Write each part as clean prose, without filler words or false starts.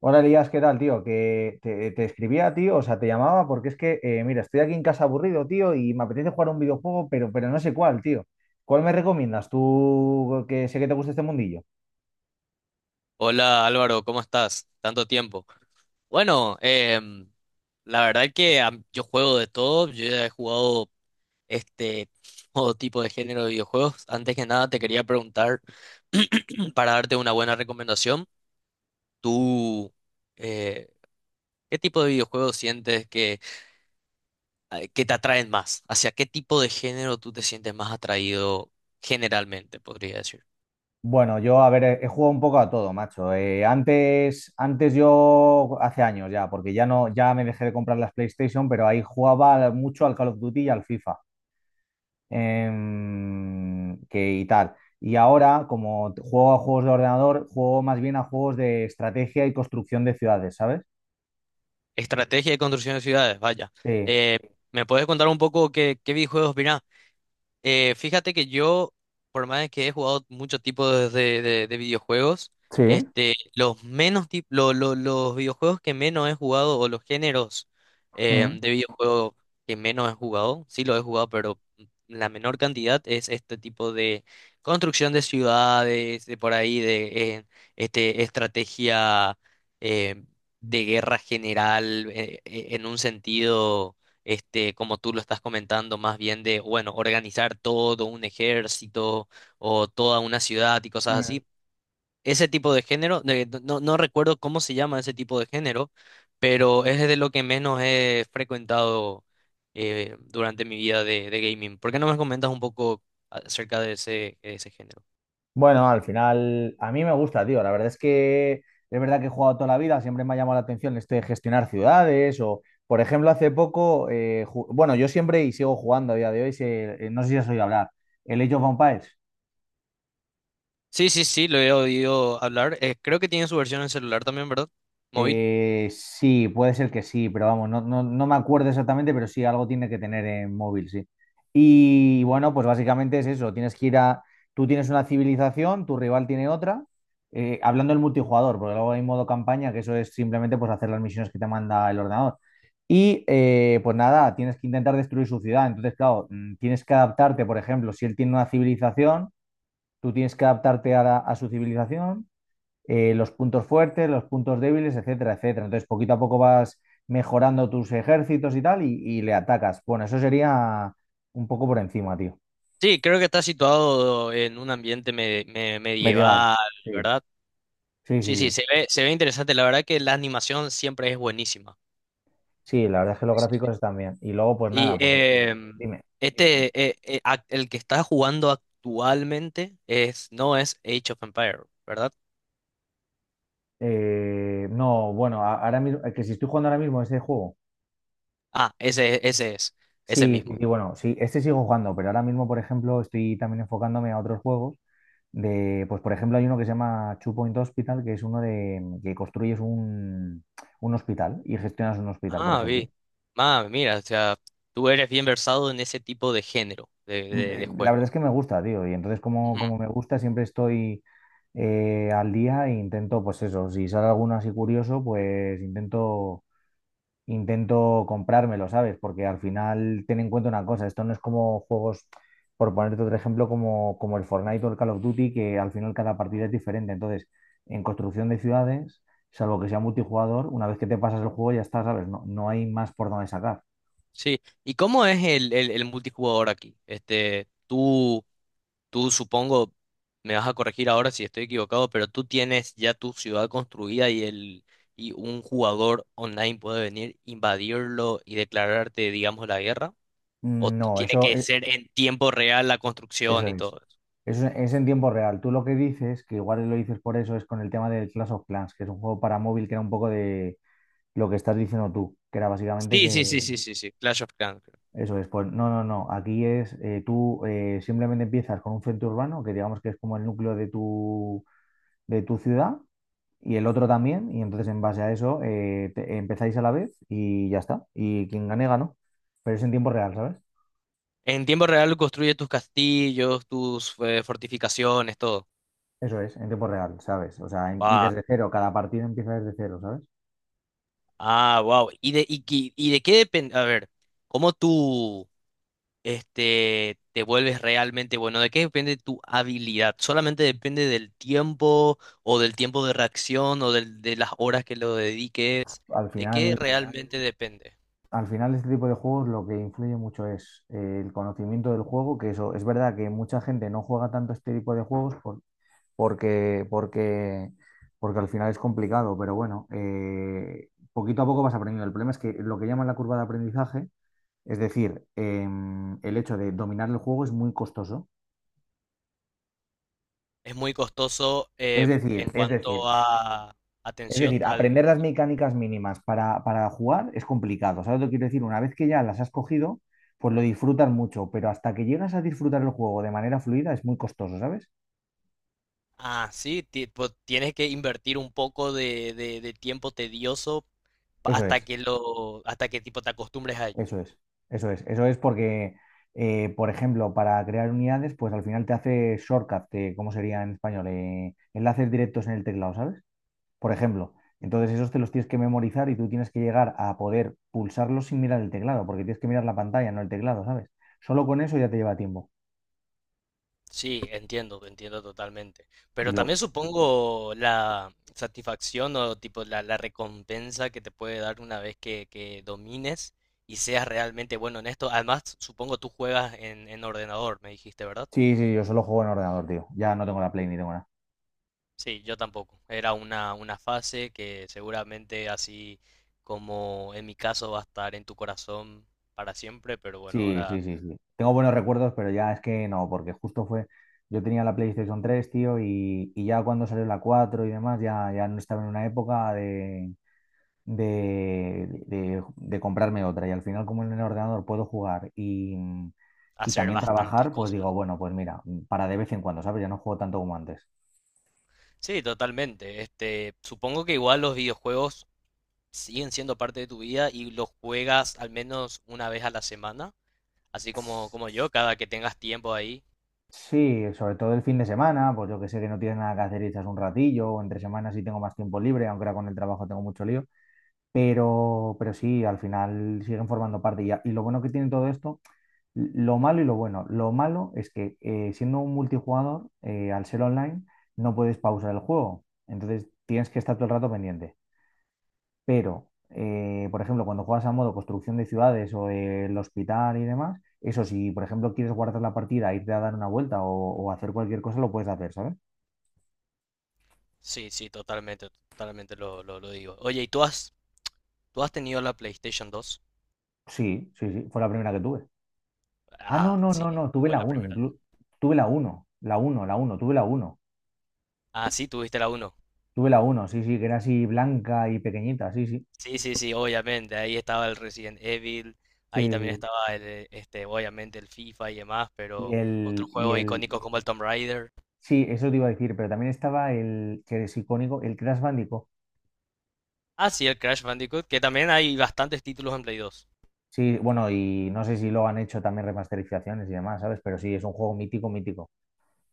Hola Elías, ¿qué tal, tío? Que te escribía, tío, o sea, te llamaba porque es que, mira, estoy aquí en casa aburrido, tío, y me apetece jugar a un videojuego, pero no sé cuál, tío. ¿Cuál me recomiendas tú, que sé que te gusta este mundillo? Hola Álvaro, ¿cómo estás? Tanto tiempo. Bueno, la verdad que yo juego de todo, yo ya he jugado este todo tipo de género de videojuegos. Antes que nada te quería preguntar para darte una buena recomendación. ¿Tú eh, qué tipo de videojuegos sientes que, que te atraen más? ¿Hacia qué tipo de género tú te sientes más atraído generalmente, podría decir? Bueno, yo, a ver, he jugado un poco a todo, macho. Antes, yo, hace años ya, porque ya no, ya me dejé de comprar las PlayStation, pero ahí jugaba mucho al Call of Duty y al FIFA. Que y tal. Y ahora, como juego a juegos de ordenador, juego más bien a juegos de estrategia y construcción de ciudades, ¿sabes? Estrategia de construcción de ciudades, vaya. Sí. Eh, ¿me puedes contar un poco qué videojuegos mirás? Fíjate que yo, por más de que he jugado muchos tipos de videojuegos, Sí. Los menos los videojuegos que menos he jugado o los géneros Mm, de videojuegos que menos he jugado, sí los he jugado, pero la menor cantidad es este tipo de construcción de ciudades, de por ahí, de estrategia eh, de guerra general en un sentido como tú lo estás comentando, más bien de, bueno, organizar todo un ejército o toda una ciudad y cosas mm. así. Ese tipo de género, no recuerdo cómo se llama ese tipo de género, pero es de lo que menos he frecuentado durante mi vida de gaming. ¿Por qué no me comentas un poco acerca de ese género? Bueno, al final, a mí me gusta, tío. La verdad es que es verdad que he jugado toda la vida, siempre me ha llamado la atención esto de gestionar ciudades o, por ejemplo, hace poco, bueno, yo siempre y sigo jugando a día de hoy, no sé si has oído hablar, el Age of Empires. Sí, sí, sí, lo he oído hablar. Creo que tiene su versión en celular también, ¿verdad? Móvil. Sí, puede ser que sí, pero vamos, no, no, no me acuerdo exactamente, pero sí, algo tiene que tener en móvil, sí. Y bueno, pues básicamente es eso, tienes que ir a, tú tienes una civilización, tu rival tiene otra, hablando del multijugador, porque luego hay modo campaña, que eso es simplemente pues hacer las misiones que te manda el ordenador. Y pues nada, tienes que intentar destruir su ciudad, entonces claro, tienes que adaptarte, por ejemplo, si él tiene una civilización, tú tienes que adaptarte a su civilización, los puntos fuertes, los puntos débiles, etcétera, etcétera. Entonces, poquito a poco vas mejorando tus ejércitos y tal, y le atacas. Bueno, eso sería un poco por encima, tío. Sí, creo que está situado en un ambiente Medieval. medieval, Sí, ¿verdad? sí, sí, Sí, sí, sí. se ve interesante. La verdad que la animación siempre es buenísima. Sí, la verdad es que los Sí, sí. gráficos están bien. Y luego, pues Y nada, pues dime. El que está jugando actualmente es, no es Age of Empire, ¿verdad? No, bueno, ahora mismo, que si estoy jugando ahora mismo ese juego. Ah, ese Sí, sí, mismo. sí, bueno, sí, este sigo jugando, pero ahora mismo, por ejemplo, estoy también enfocándome a otros juegos. De, pues por ejemplo, hay uno que se llama Two Point Hospital, que es uno de que construyes un, hospital y gestionas un hospital, por Ah, ejemplo. vi. Ah, mira, o sea, tú eres bien versado en ese tipo de género de, Mm. de, de La verdad juego. es que me gusta, tío, y entonces como, Ujú. como me gusta, siempre estoy al día e intento, pues eso, si sale alguno así curioso, pues intento comprármelo, ¿sabes? Porque al final ten en cuenta una cosa, esto no es como juegos, por ponerte otro ejemplo, como, como el Fortnite o el Call of Duty, que al final cada partida es diferente. Entonces, en construcción de ciudades, salvo que sea multijugador, una vez que te pasas el juego ya está, ¿sabes? No, no hay más por dónde sacar. Sí. ¿Y cómo es el multijugador aquí? Tú supongo, me vas a corregir ahora si estoy equivocado, pero tú tienes ya tu ciudad construida y un jugador online puede venir, invadirlo y declararte, digamos, la guerra. O No, tiene eso, que ser en tiempo real la eso construcción y es. todo eso. Eso es en tiempo real. Tú lo que dices, que igual lo dices por eso, es con el tema del Clash of Clans, que es un juego para móvil que era un poco de lo que estás diciendo tú, que era básicamente Sí, sí, que... sí, sí, sí, sí. Clash of Clans, creo. Eso es, pues no, no, no. Aquí es, tú simplemente empiezas con un centro urbano, que digamos que es como el núcleo de tu ciudad, y el otro también, y entonces en base a eso empezáis a la vez y ya está. Y quien gane, ganó. Pero es en tiempo real, ¿sabes? En tiempo real construye tus castillos, tus fortificaciones, todo. Eso es, en tiempo real, ¿sabes? O sea, y Ah, desde cero, cada partido empieza desde cero, ¿sabes? ah, wow. ¿Y de qué depende? A ver, ¿cómo tú? Te vuelves realmente bueno. ¿De qué depende tu habilidad? Solamente depende del tiempo o del tiempo de reacción o de las horas que lo dediques. Al ¿De qué, final, claro, realmente depende? al final, este tipo de juegos lo que influye mucho es el conocimiento del juego, que eso es verdad que mucha gente no juega tanto este tipo de juegos porque, porque, porque al final es complicado, pero bueno, poquito a poco vas aprendiendo. El problema es que lo que llaman la curva de aprendizaje, es decir, el hecho de dominar el juego es muy costoso. Es muy costoso Es decir, en es decir, cuanto a es decir, atención al. aprender las mecánicas mínimas para jugar es complicado. ¿Sabes lo que quiero decir? Una vez que ya las has cogido, pues lo disfrutas mucho, pero hasta que llegas a disfrutar el juego de manera fluida es muy costoso, ¿sabes? Ah, sí, pues, tienes que invertir un poco de tiempo tedioso Eso es. Hasta que tipo te acostumbres a ello. Eso es, eso es, eso es porque, por ejemplo, para crear unidades, pues al final te hace shortcut. ¿Cómo sería en español? Enlaces directos en el teclado, ¿sabes? Por ejemplo, entonces esos te los tienes que memorizar y tú tienes que llegar a poder pulsarlos sin mirar el teclado, porque tienes que mirar la pantalla, no el teclado, ¿sabes? Solo con eso ya te lleva tiempo. Sí, entiendo, entiendo totalmente. Y Pero lo... también supongo la satisfacción o tipo la recompensa que te puede dar una vez que domines y seas realmente bueno en esto. Además, supongo tú juegas en ordenador, me dijiste, ¿verdad? Sí, sí, yo solo juego en ordenador, tío. Ya no tengo la Play ni tengo nada. Sí, yo tampoco. Era una fase que seguramente así como en mi caso va a estar en tu corazón para siempre, pero bueno, Sí, ahora sí, sí, sí. Tengo buenos recuerdos, pero ya es que no, porque justo fue, yo tenía la PlayStation 3, tío, y ya cuando salió la 4 y demás, ya no estaba en una época de, de comprarme otra. Y al final, como en el ordenador puedo jugar y hacer también bastantes trabajar, pues digo, cosas. bueno, pues mira, para de vez en cuando, ¿sabes? Ya no juego tanto como antes. Sí, totalmente. Supongo que igual los videojuegos siguen siendo parte de tu vida y los juegas al menos una vez a la semana, así como, como yo, cada que tengas tiempo ahí. Sí, sobre todo el fin de semana, pues yo que sé que no tienes nada que hacer y echas un ratillo, o entre semanas sí tengo más tiempo libre, aunque ahora con el trabajo tengo mucho lío. Pero, sí, al final siguen formando parte. Y lo bueno que tiene todo esto, lo malo y lo bueno. Lo malo es que siendo un multijugador, al ser online, no puedes pausar el juego. Entonces tienes que estar todo el rato pendiente. Pero, por ejemplo, cuando juegas a modo construcción de ciudades o el hospital y demás, eso si, por ejemplo, quieres guardar la partida, irte a dar una vuelta o hacer cualquier cosa, lo puedes hacer, ¿sabes? Sí, sí, totalmente, totalmente lo digo. Oye, ¿y tú has tenido la PlayStation dos? Sí, sí, sí, fue la primera que tuve. Ah, no, Ah, no, sí, no, no, tuve fue la la uno, primera. Tuve la uno, la uno, la uno. Tuve la uno. Ah, sí, tuviste la uno. Tuve la uno, sí, sí, que era así blanca y pequeñita, sí, sí. Sí, sí, sí, obviamente, ahí estaba el Resident Evil, Sí, ahí también sí, sí. estaba obviamente el FIFA y demás, Y pero otros el, y juegos el, icónicos como el Tomb Raider. sí, eso te iba a decir, pero también estaba el que es icónico, el Crash Bandicoot. Ah, sí, el Crash Bandicoot, que también hay bastantes títulos en Play dos. Sí, bueno, y no sé si lo han hecho también remasterizaciones y demás, ¿sabes? Pero sí, es un juego mítico, mítico.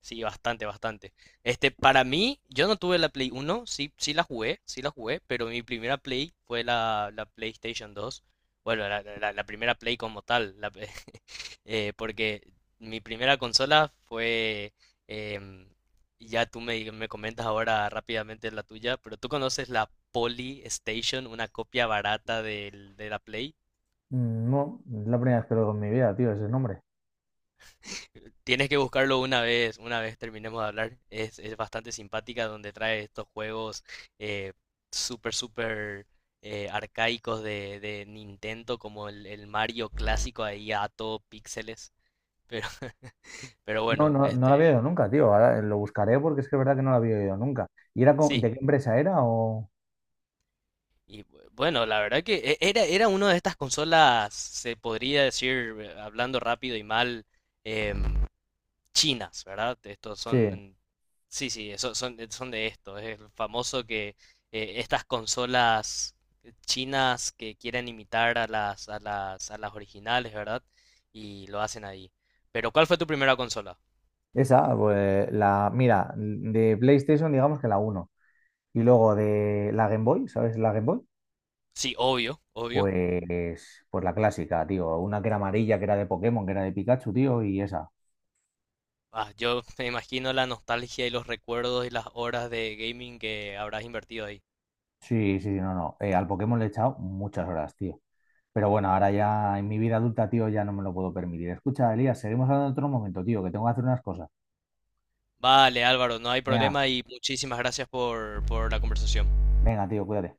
Sí, bastante, bastante. Para mí, yo no tuve la Play uno. Sí, sí la jugué, pero mi primera Play fue la PlayStation dos. Bueno, la primera Play como tal, porque mi primera consola fue, em, ya tú me comentas ahora rápidamente la tuya, pero tú conoces la Poly Station, una copia barata de la Play. Mm. No, es la primera vez que lo oigo en mi vida, tío, ese nombre. Tienes que buscarlo una vez terminemos de hablar. Es bastante simpática donde trae estos juegos eh, súper, súper arcaicos de Nintendo, como el Mario clásico ahí a todo píxeles. Pero, pero No, bueno, no, no lo había oído nunca, tío. Ahora lo buscaré porque es que es verdad que no lo había oído nunca. ¿Y era sí. de qué empresa era o...? Y bueno, la verdad que era una de estas consolas, se podría decir, hablando rápido y mal, em, chinas, ¿verdad? Estos Sí, son, sí, sí, eso, son de esto. Es el famoso que estas consolas chinas que quieren imitar a las originales, ¿verdad? Y lo hacen ahí. Pero ¿cuál fue tu primera consola? esa, pues mira, de PlayStation digamos que la uno. Y luego de la Game Boy, ¿sabes la Game Boy? Sí, obvio, obvio. Pues, la clásica, tío. Una que era amarilla, que era de Pokémon, que era de Pikachu, tío, y esa. Ah, yo me imagino la nostalgia y los recuerdos y las horas de gaming que habrás invertido ahí. Sí, sí, sí, no, no. Al Pokémon le he echado muchas horas, tío. Pero bueno, ahora ya en mi vida adulta, tío, ya no me lo puedo permitir. Escucha, Elías, seguimos hablando en otro momento, tío, que tengo que hacer unas cosas. Vale, Álvaro, no hay Venga, problema y muchísimas gracias por la conversación. venga, tío, cuídate.